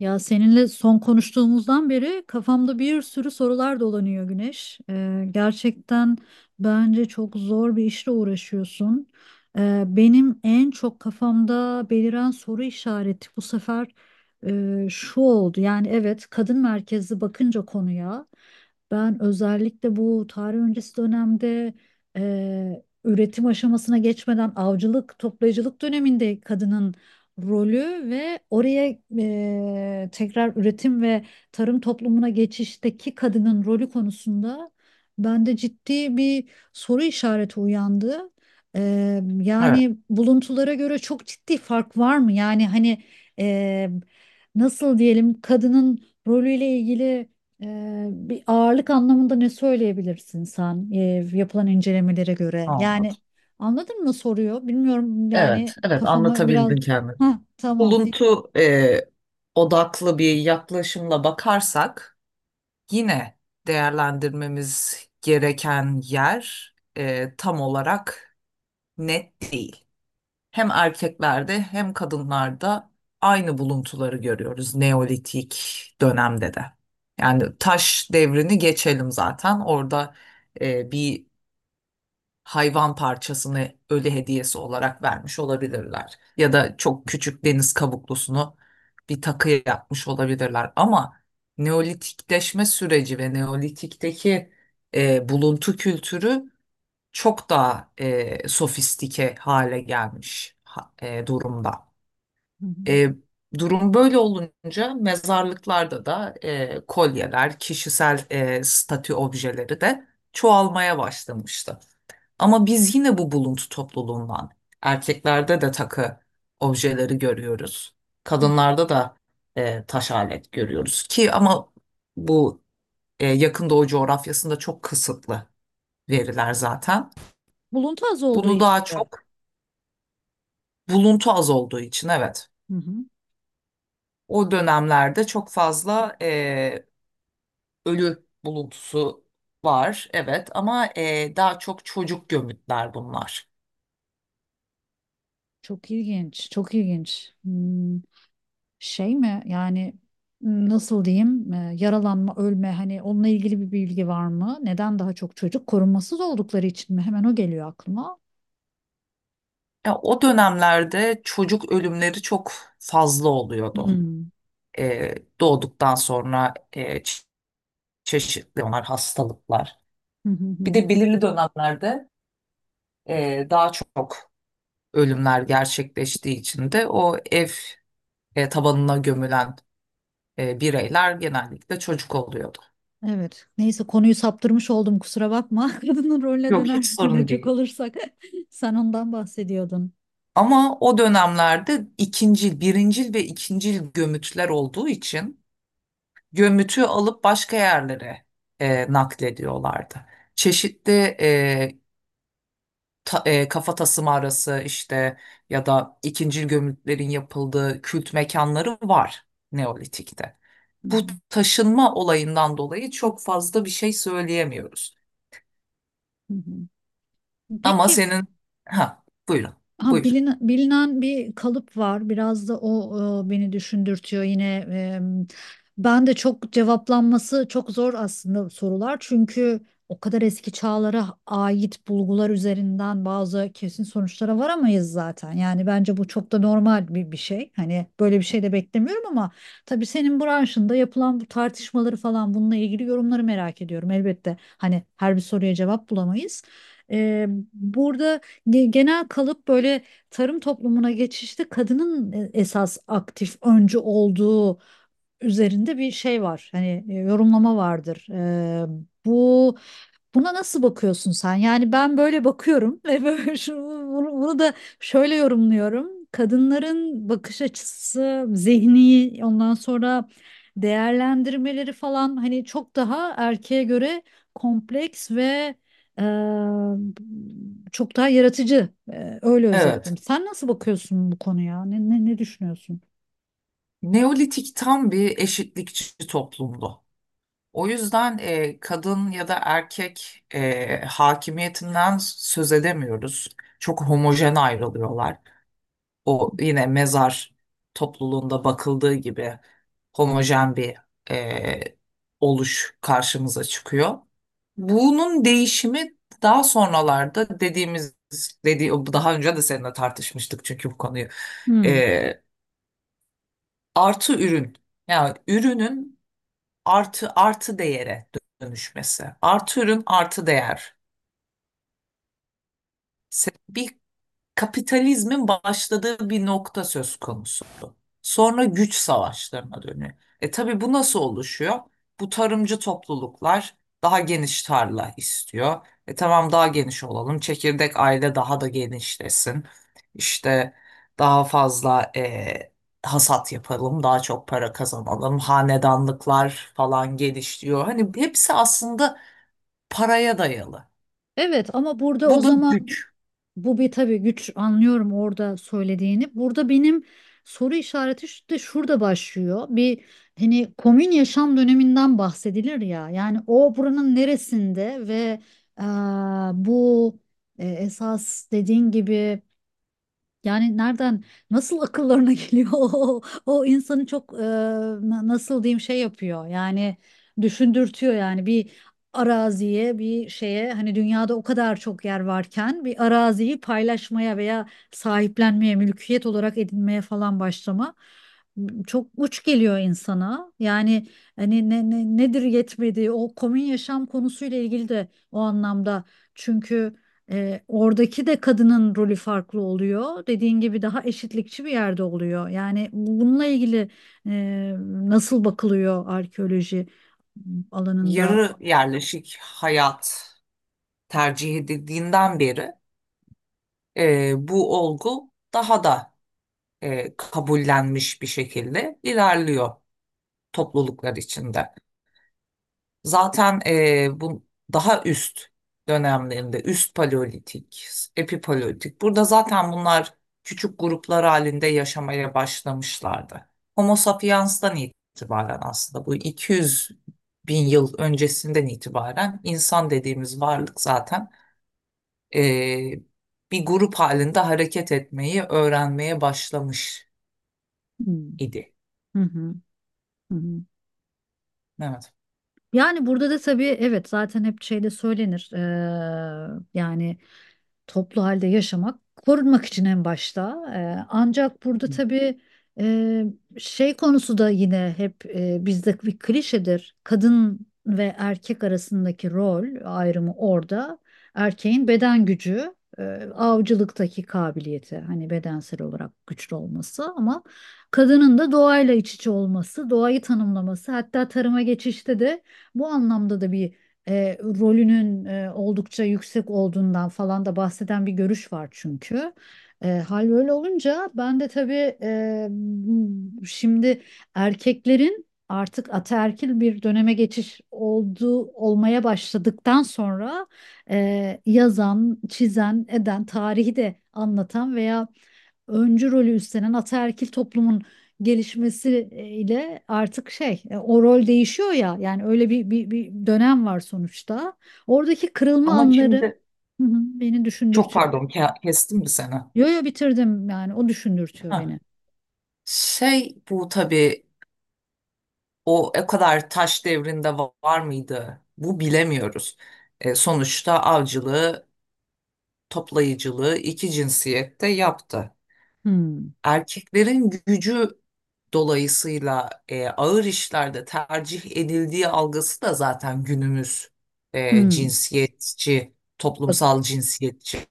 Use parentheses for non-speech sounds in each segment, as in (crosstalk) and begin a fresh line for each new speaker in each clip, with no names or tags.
Ya seninle son konuştuğumuzdan beri kafamda bir sürü sorular dolanıyor Güneş. Gerçekten bence çok zor bir işle uğraşıyorsun. Benim en çok kafamda beliren soru işareti bu sefer şu oldu. Yani evet kadın merkezli bakınca konuya ben özellikle bu tarih öncesi dönemde üretim aşamasına geçmeden avcılık, toplayıcılık döneminde kadının rolü ve oraya tekrar üretim ve tarım toplumuna geçişteki kadının rolü konusunda bende ciddi bir soru işareti uyandı.
Evet,
Yani buluntulara göre çok ciddi fark var mı? Yani hani e, nasıl diyelim kadının rolüyle ilgili bir ağırlık anlamında ne söyleyebilirsin sen yapılan incelemelere göre? Yani
anladım.
anladın mı soruyor? Bilmiyorum yani
Evet, evet
kafama biraz...
anlatabildin kendini.
Ha, tamam peki.
Buluntu odaklı bir yaklaşımla bakarsak yine değerlendirmemiz gereken yer tam olarak net değil. Hem erkeklerde hem kadınlarda aynı buluntuları görüyoruz Neolitik dönemde de. Yani taş devrini geçelim zaten orada bir hayvan parçasını ölü hediyesi olarak vermiş olabilirler. Ya da çok küçük deniz kabuklusunu bir takı yapmış olabilirler. Ama Neolitikleşme süreci ve Neolitik'teki buluntu kültürü çok daha sofistike hale gelmiş durumda.
Hı hı,
E, Durum böyle olunca mezarlıklarda da kolyeler, kişisel statü objeleri de çoğalmaya başlamıştı. Ama biz yine bu buluntu topluluğundan erkeklerde de takı objeleri görüyoruz.
hı.
Kadınlarda da taş alet görüyoruz ki ama bu yakın doğu coğrafyasında çok kısıtlı veriler zaten.
Buluntu az olduğu
Bunu
için
daha
mi?
çok buluntu az olduğu için evet.
Hı. Hı.
O dönemlerde çok fazla ölü buluntusu var evet ama daha çok çocuk gömütler bunlar.
Çok ilginç, çok ilginç. Hmm, şey mi yani nasıl diyeyim yaralanma, ölme hani onunla ilgili bir bilgi var mı? Neden daha çok çocuk korumasız oldukları için mi? Hemen o geliyor aklıma.
Ya o dönemlerde çocuk ölümleri çok fazla oluyordu.
Hmm.
Doğduktan sonra çeşitli onlar hastalıklar.
Hı hı hı
Bir de
hı.
belirli dönemlerde daha çok ölümler gerçekleştiği için de o ev tabanına gömülen bireyler genellikle çocuk oluyordu.
Evet. Neyse konuyu saptırmış oldum kusura bakma. (laughs) Kadının rolüne
Yok, hiç
döner
sorun
dönecek
değil.
olursak (laughs) sen ondan bahsediyordun.
Ama o dönemlerde ikincil, birincil ve ikincil gömütler olduğu için gömütü alıp başka yerlere naklediyorlardı. Çeşitli e, kafa tasımı arası işte ya da ikincil gömütlerin yapıldığı kült mekanları var Neolitik'te.
Hı hı
Bu taşınma olayından dolayı çok fazla bir şey söyleyemiyoruz.
hı hı.
Ama
Peki.
senin... Ha, buyurun,
Ha,
buyur.
bilinen, bilinen bir kalıp var. Biraz da o beni düşündürtüyor yine. e, Ben de çok cevaplanması çok zor aslında sorular. Çünkü o kadar eski çağlara ait bulgular üzerinden bazı kesin sonuçlara varamayız zaten. Yani bence bu çok da normal bir şey. Hani böyle bir şey de beklemiyorum ama tabii senin branşında yapılan bu tartışmaları falan bununla ilgili yorumları merak ediyorum. Elbette hani her bir soruya cevap bulamayız. E, burada genel kalıp böyle tarım toplumuna geçişte kadının esas aktif öncü olduğu üzerinde bir şey var. Hani yorumlama vardır. Bu. Buna nasıl bakıyorsun sen? Yani ben böyle bakıyorum (laughs) ve böyle bunu da şöyle yorumluyorum. Kadınların bakış açısı, zihni, ondan sonra değerlendirmeleri falan hani çok daha erkeğe göre kompleks ve e, çok daha yaratıcı. E, öyle özetleyeyim.
Evet,
Sen nasıl bakıyorsun bu konuya? Ne düşünüyorsun?
Neolitik tam bir eşitlikçi toplumdu. O yüzden kadın ya da erkek hakimiyetinden söz edemiyoruz. Çok homojen ayrılıyorlar. O yine mezar topluluğunda bakıldığı gibi homojen bir e, oluş karşımıza çıkıyor. Bunun değişimi daha sonralarda dediğimiz daha önce de seninle tartışmıştık çünkü bu konuyu.
Hmm.
E, Artı ürün, yani ürünün artı değere dönüşmesi. Artı ürün, artı değer. Bir kapitalizmin başladığı bir nokta söz konusu. Sonra güç savaşlarına dönüyor. E tabii bu nasıl oluşuyor? Bu tarımcı topluluklar daha geniş tarla istiyor. E tamam, daha geniş olalım. Çekirdek aile daha da genişlesin. İşte daha fazla hasat yapalım, daha çok para kazanalım. Hanedanlıklar falan gelişiyor. Hani hepsi aslında paraya dayalı.
Evet ama burada o
Bu da
zaman.
güç.
Bu bir tabii güç anlıyorum orada söylediğini. Burada benim soru işareti de şurada başlıyor. Bir hani komün yaşam döneminden bahsedilir ya. Yani o buranın neresinde ve eee, bu esas dediğin gibi yani nereden nasıl akıllarına (laughs) geliyor o, o insanı çok nasıl diyeyim şey yapıyor yani düşündürtüyor yani bir araziye bir şeye hani dünyada o kadar çok yer varken bir araziyi paylaşmaya veya sahiplenmeye mülkiyet olarak edinmeye falan başlama çok uç geliyor insana yani hani nedir yetmedi o komün yaşam konusuyla ilgili de o anlamda çünkü oradaki de kadının rolü farklı oluyor. Dediğin gibi daha eşitlikçi bir yerde oluyor. Yani bununla ilgili e, nasıl bakılıyor arkeoloji alanında?
Yarı yerleşik hayat tercih edildiğinden beri bu olgu daha da kabullenmiş bir şekilde ilerliyor topluluklar içinde. Zaten bu daha üst dönemlerinde üst paleolitik, epipaleolitik burada zaten bunlar küçük gruplar halinde yaşamaya başlamışlardı. Homo sapiens'ten itibaren aslında bu 200 bin yıl öncesinden itibaren insan dediğimiz varlık zaten e, bir grup halinde hareket etmeyi öğrenmeye başlamış
Hmm.
idi.
Hı hı. Hı hı.
Evet.
Yani burada da tabii evet zaten hep şeyde söylenir. Yani toplu halde yaşamak korunmak için en başta. Ancak burada
Hı.
tabii e, şey konusu da yine hep bizde bir klişedir. Kadın ve erkek arasındaki rol ayrımı orada. Erkeğin beden gücü, e, avcılıktaki kabiliyeti hani bedensel olarak güçlü olması ama kadının da doğayla iç içe olması, doğayı tanımlaması, hatta tarıma geçişte de bu anlamda da bir rolünün oldukça yüksek olduğundan falan da bahseden bir görüş var çünkü. Hal böyle olunca ben de tabii şimdi erkeklerin artık ataerkil bir döneme geçiş olmaya başladıktan sonra yazan, çizen, eden, tarihi de anlatan veya öncü rolü üstlenen ataerkil toplumun gelişmesiyle artık şey o rol değişiyor ya yani öyle bir dönem var sonuçta. Oradaki kırılma
Ama
anları
şimdi
hı hı, beni
çok
düşündürtüyor.
pardon, kestim mi seni?
Yo yo bitirdim yani o düşündürtüyor beni.
Ha. Şey, bu tabii o kadar taş devrinde var mıydı? Bu bilemiyoruz. E, sonuçta avcılığı, toplayıcılığı iki cinsiyette yaptı.
Hmm.
Erkeklerin gücü dolayısıyla ağır işlerde tercih edildiği algısı da zaten günümüz
Hmm.
cinsiyetçi,
Bak-
toplumsal cinsiyetçi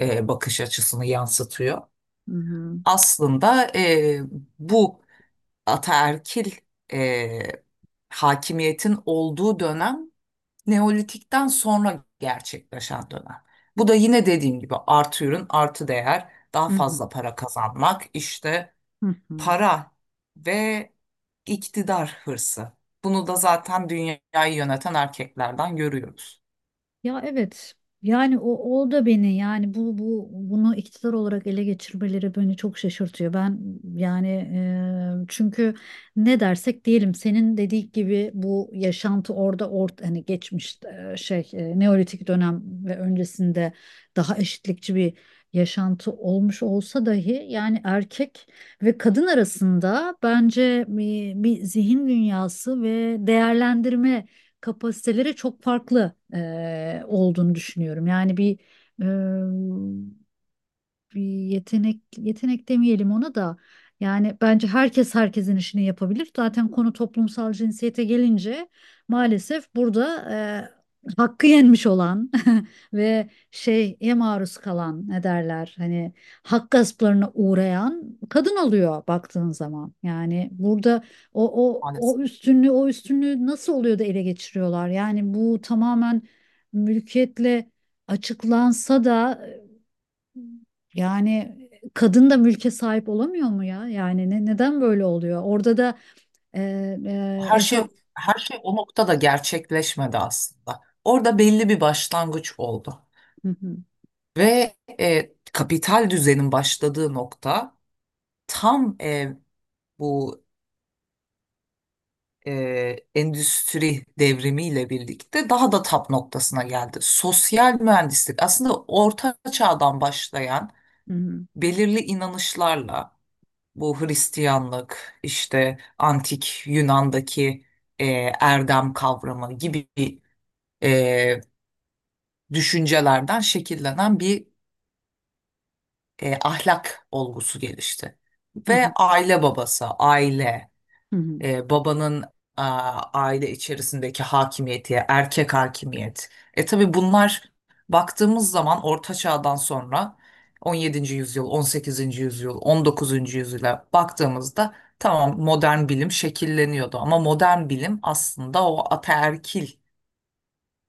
bakış açısını yansıtıyor.
Hı hı,
Aslında bu ataerkil e, hakimiyetin olduğu dönem Neolitik'ten sonra gerçekleşen dönem. Bu da yine dediğim gibi artı ürün, artı değer, daha
hı hı,
fazla para kazanmak, işte
hı hı.
para ve iktidar hırsı. Bunu da zaten dünyayı yöneten erkeklerden görüyoruz
Ya evet. Yani o, o da beni yani bu bu bunu iktidar olarak ele geçirmeleri beni çok şaşırtıyor. Ben yani çünkü ne dersek diyelim senin dediğin gibi bu yaşantı orada ort hani geçmiş şey Neolitik dönem ve öncesinde daha eşitlikçi bir yaşantı olmuş olsa dahi yani erkek ve kadın arasında bence bir zihin dünyası ve değerlendirme kapasitelere çok farklı olduğunu düşünüyorum. Yani bir e, bir yetenek yetenek demeyelim ona da yani bence herkes herkesin işini yapabilir. Zaten konu toplumsal cinsiyete gelince maalesef burada hakkı yenmiş olan (laughs) ve şeye maruz kalan, ne derler hani, hak gasplarına uğrayan kadın oluyor baktığın zaman. Yani burada o o o
maalesef.
üstünlüğü o üstünlüğü nasıl oluyor da ele geçiriyorlar? Yani bu tamamen mülkiyetle açıklansa da yani kadın da mülke sahip olamıyor mu ya? Yani neden böyle oluyor? Orada da e,
Her
esas.
şey her şey o noktada gerçekleşmedi aslında. Orada belli bir başlangıç oldu.
Hı hı,
Ve kapital düzenin başladığı nokta tam bu e, endüstri devrimiyle birlikte daha da tap noktasına geldi. Sosyal mühendislik aslında orta çağdan başlayan
hı hı,
belirli inanışlarla. Bu Hristiyanlık, işte antik Yunan'daki e, erdem kavramı gibi e, düşüncelerden şekillenen bir ahlak olgusu gelişti. Ve aile babası, aile,
hı hı,
babanın a, aile içerisindeki hakimiyeti, erkek hakimiyet. E tabii bunlar baktığımız zaman Orta Çağ'dan sonra 17. yüzyıl, 18. yüzyıl, 19. yüzyıla baktığımızda tamam modern bilim şekilleniyordu ama modern bilim aslında o ataerkil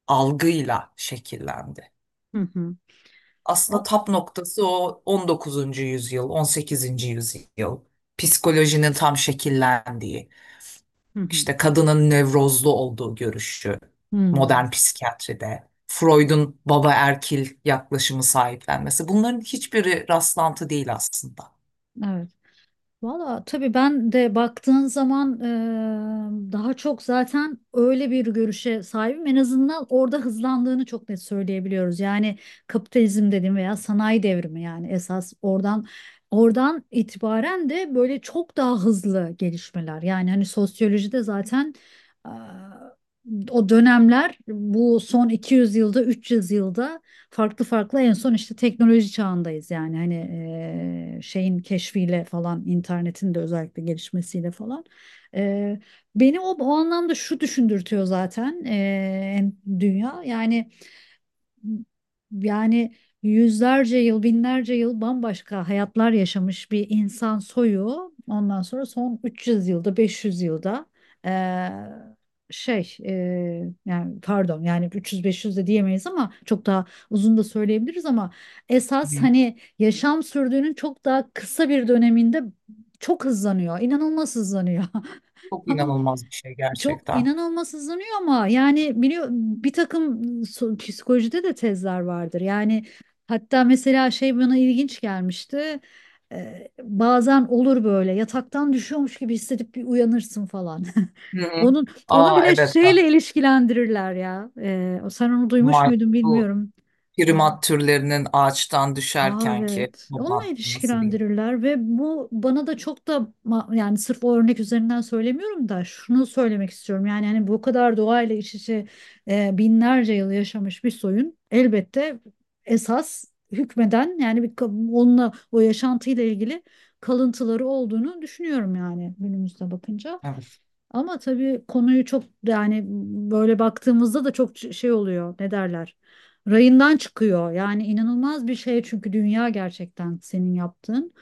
algıyla şekillendi.
hı hı, hı hı.
Aslında tap noktası o 19. yüzyıl, 18. yüzyıl psikolojinin tam şekillendiği,
Hı hı,
İşte kadının nevrozlu olduğu görüşü
hı.
modern psikiyatride, Freud'un baba erkil yaklaşımı sahiplenmesi bunların hiçbiri rastlantı değil aslında.
Evet. Valla tabii ben de baktığın zaman daha çok zaten öyle bir görüşe sahibim. En azından orada hızlandığını çok net söyleyebiliyoruz. Yani kapitalizm dediğim veya sanayi devrimi yani esas oradan itibaren de böyle çok daha hızlı gelişmeler. Yani hani sosyolojide zaten eee, o dönemler bu son 200 yılda 300 yılda farklı farklı en son işte teknoloji çağındayız yani hani şeyin keşfiyle falan internetin de özellikle gelişmesiyle falan. E, beni o, o anlamda şu düşündürtüyor zaten dünya yani yani yüzlerce yıl, binlerce yıl bambaşka hayatlar yaşamış bir insan soyu. Ondan sonra son 300 yılda, 500 yılda eee, şey yani pardon yani 300-500 de diyemeyiz ama çok daha uzun da söyleyebiliriz ama
Hı
esas
hı.
hani yaşam sürdüğünün çok daha kısa bir döneminde çok hızlanıyor. İnanılmaz hızlanıyor. (laughs)
Çok
Ama
inanılmaz bir şey
çok
gerçekten.
inanılmaz hızlanıyor ama yani biliyor bir takım psikolojide de tezler vardır. Yani hatta mesela şey bana ilginç gelmişti. Bazen olur böyle yataktan düşüyormuş gibi hissedip bir uyanırsın falan. (laughs)
Hı. Hı.
Onu
Aa
bile
evet,
şeyle
bak,
ilişkilendirirler ya. Sen onu duymuş
May-
muydun
bu
bilmiyorum.
primat türlerinin ağaçtan
Aa,
düşerkenki
evet. Onunla
toplanması diye.
ilişkilendirirler ve bu bana da çok da yani sırf o örnek üzerinden söylemiyorum da şunu söylemek istiyorum. Yani hani bu kadar doğayla iç içe binlerce yıl yaşamış bir soyun elbette esas hükmeden yani bir onunla o yaşantıyla ilgili kalıntıları olduğunu düşünüyorum yani günümüzde bakınca.
Evet.
Ama tabii konuyu çok yani böyle baktığımızda da çok şey oluyor. Ne derler? Rayından çıkıyor. Yani inanılmaz bir şey çünkü dünya gerçekten senin yaptığın.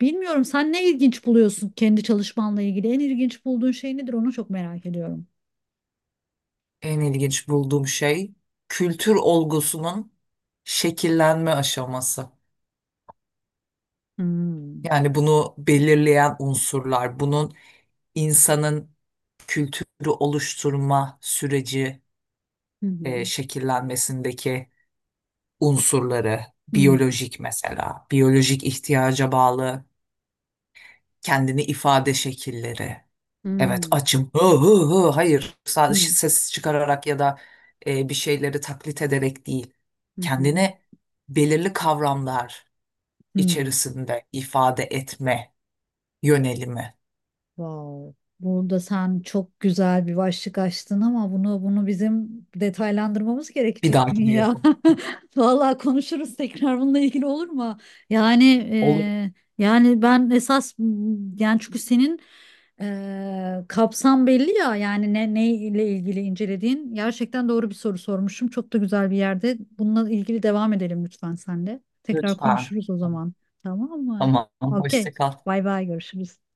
Bilmiyorum sen ne ilginç buluyorsun kendi çalışmanla ilgili? En ilginç bulduğun şey nedir? Onu çok merak ediyorum.
En ilginç bulduğum şey kültür olgusunun şekillenme aşaması.
Hmm.
Yani bunu belirleyen unsurlar, bunun insanın kültürü oluşturma süreci
Hı hı.
şekillenmesindeki unsurları,
Hmm.
biyolojik mesela, biyolojik ihtiyaca bağlı kendini ifade şekilleri. Evet,
Hmm.
açım. Hı hı hı. Hayır, sadece
Hmm.
ses çıkararak ya da bir şeyleri taklit ederek değil.
Hı hı.
Kendini belirli kavramlar
Hmm.
içerisinde ifade etme yönelimi.
Wow. Burada sen çok güzel bir başlık açtın ama bunu bizim detaylandırmamız
Bir
gerekecek
dahakine
dünya.
yapalım.
(laughs) Vallahi konuşuruz tekrar bununla ilgili olur mu? Yani
Olur.
e, yani ben esas yani çünkü senin kapsam belli ya yani ne ne ile ilgili incelediğin gerçekten doğru bir soru sormuşum. Çok da güzel bir yerde. Bununla ilgili devam edelim lütfen sen de. Tekrar
Lütfen.
konuşuruz o
Tamam.
zaman. Tamam mı?
Tamam.
Okey.
Hoşça kal.
Bay bay görüşürüz.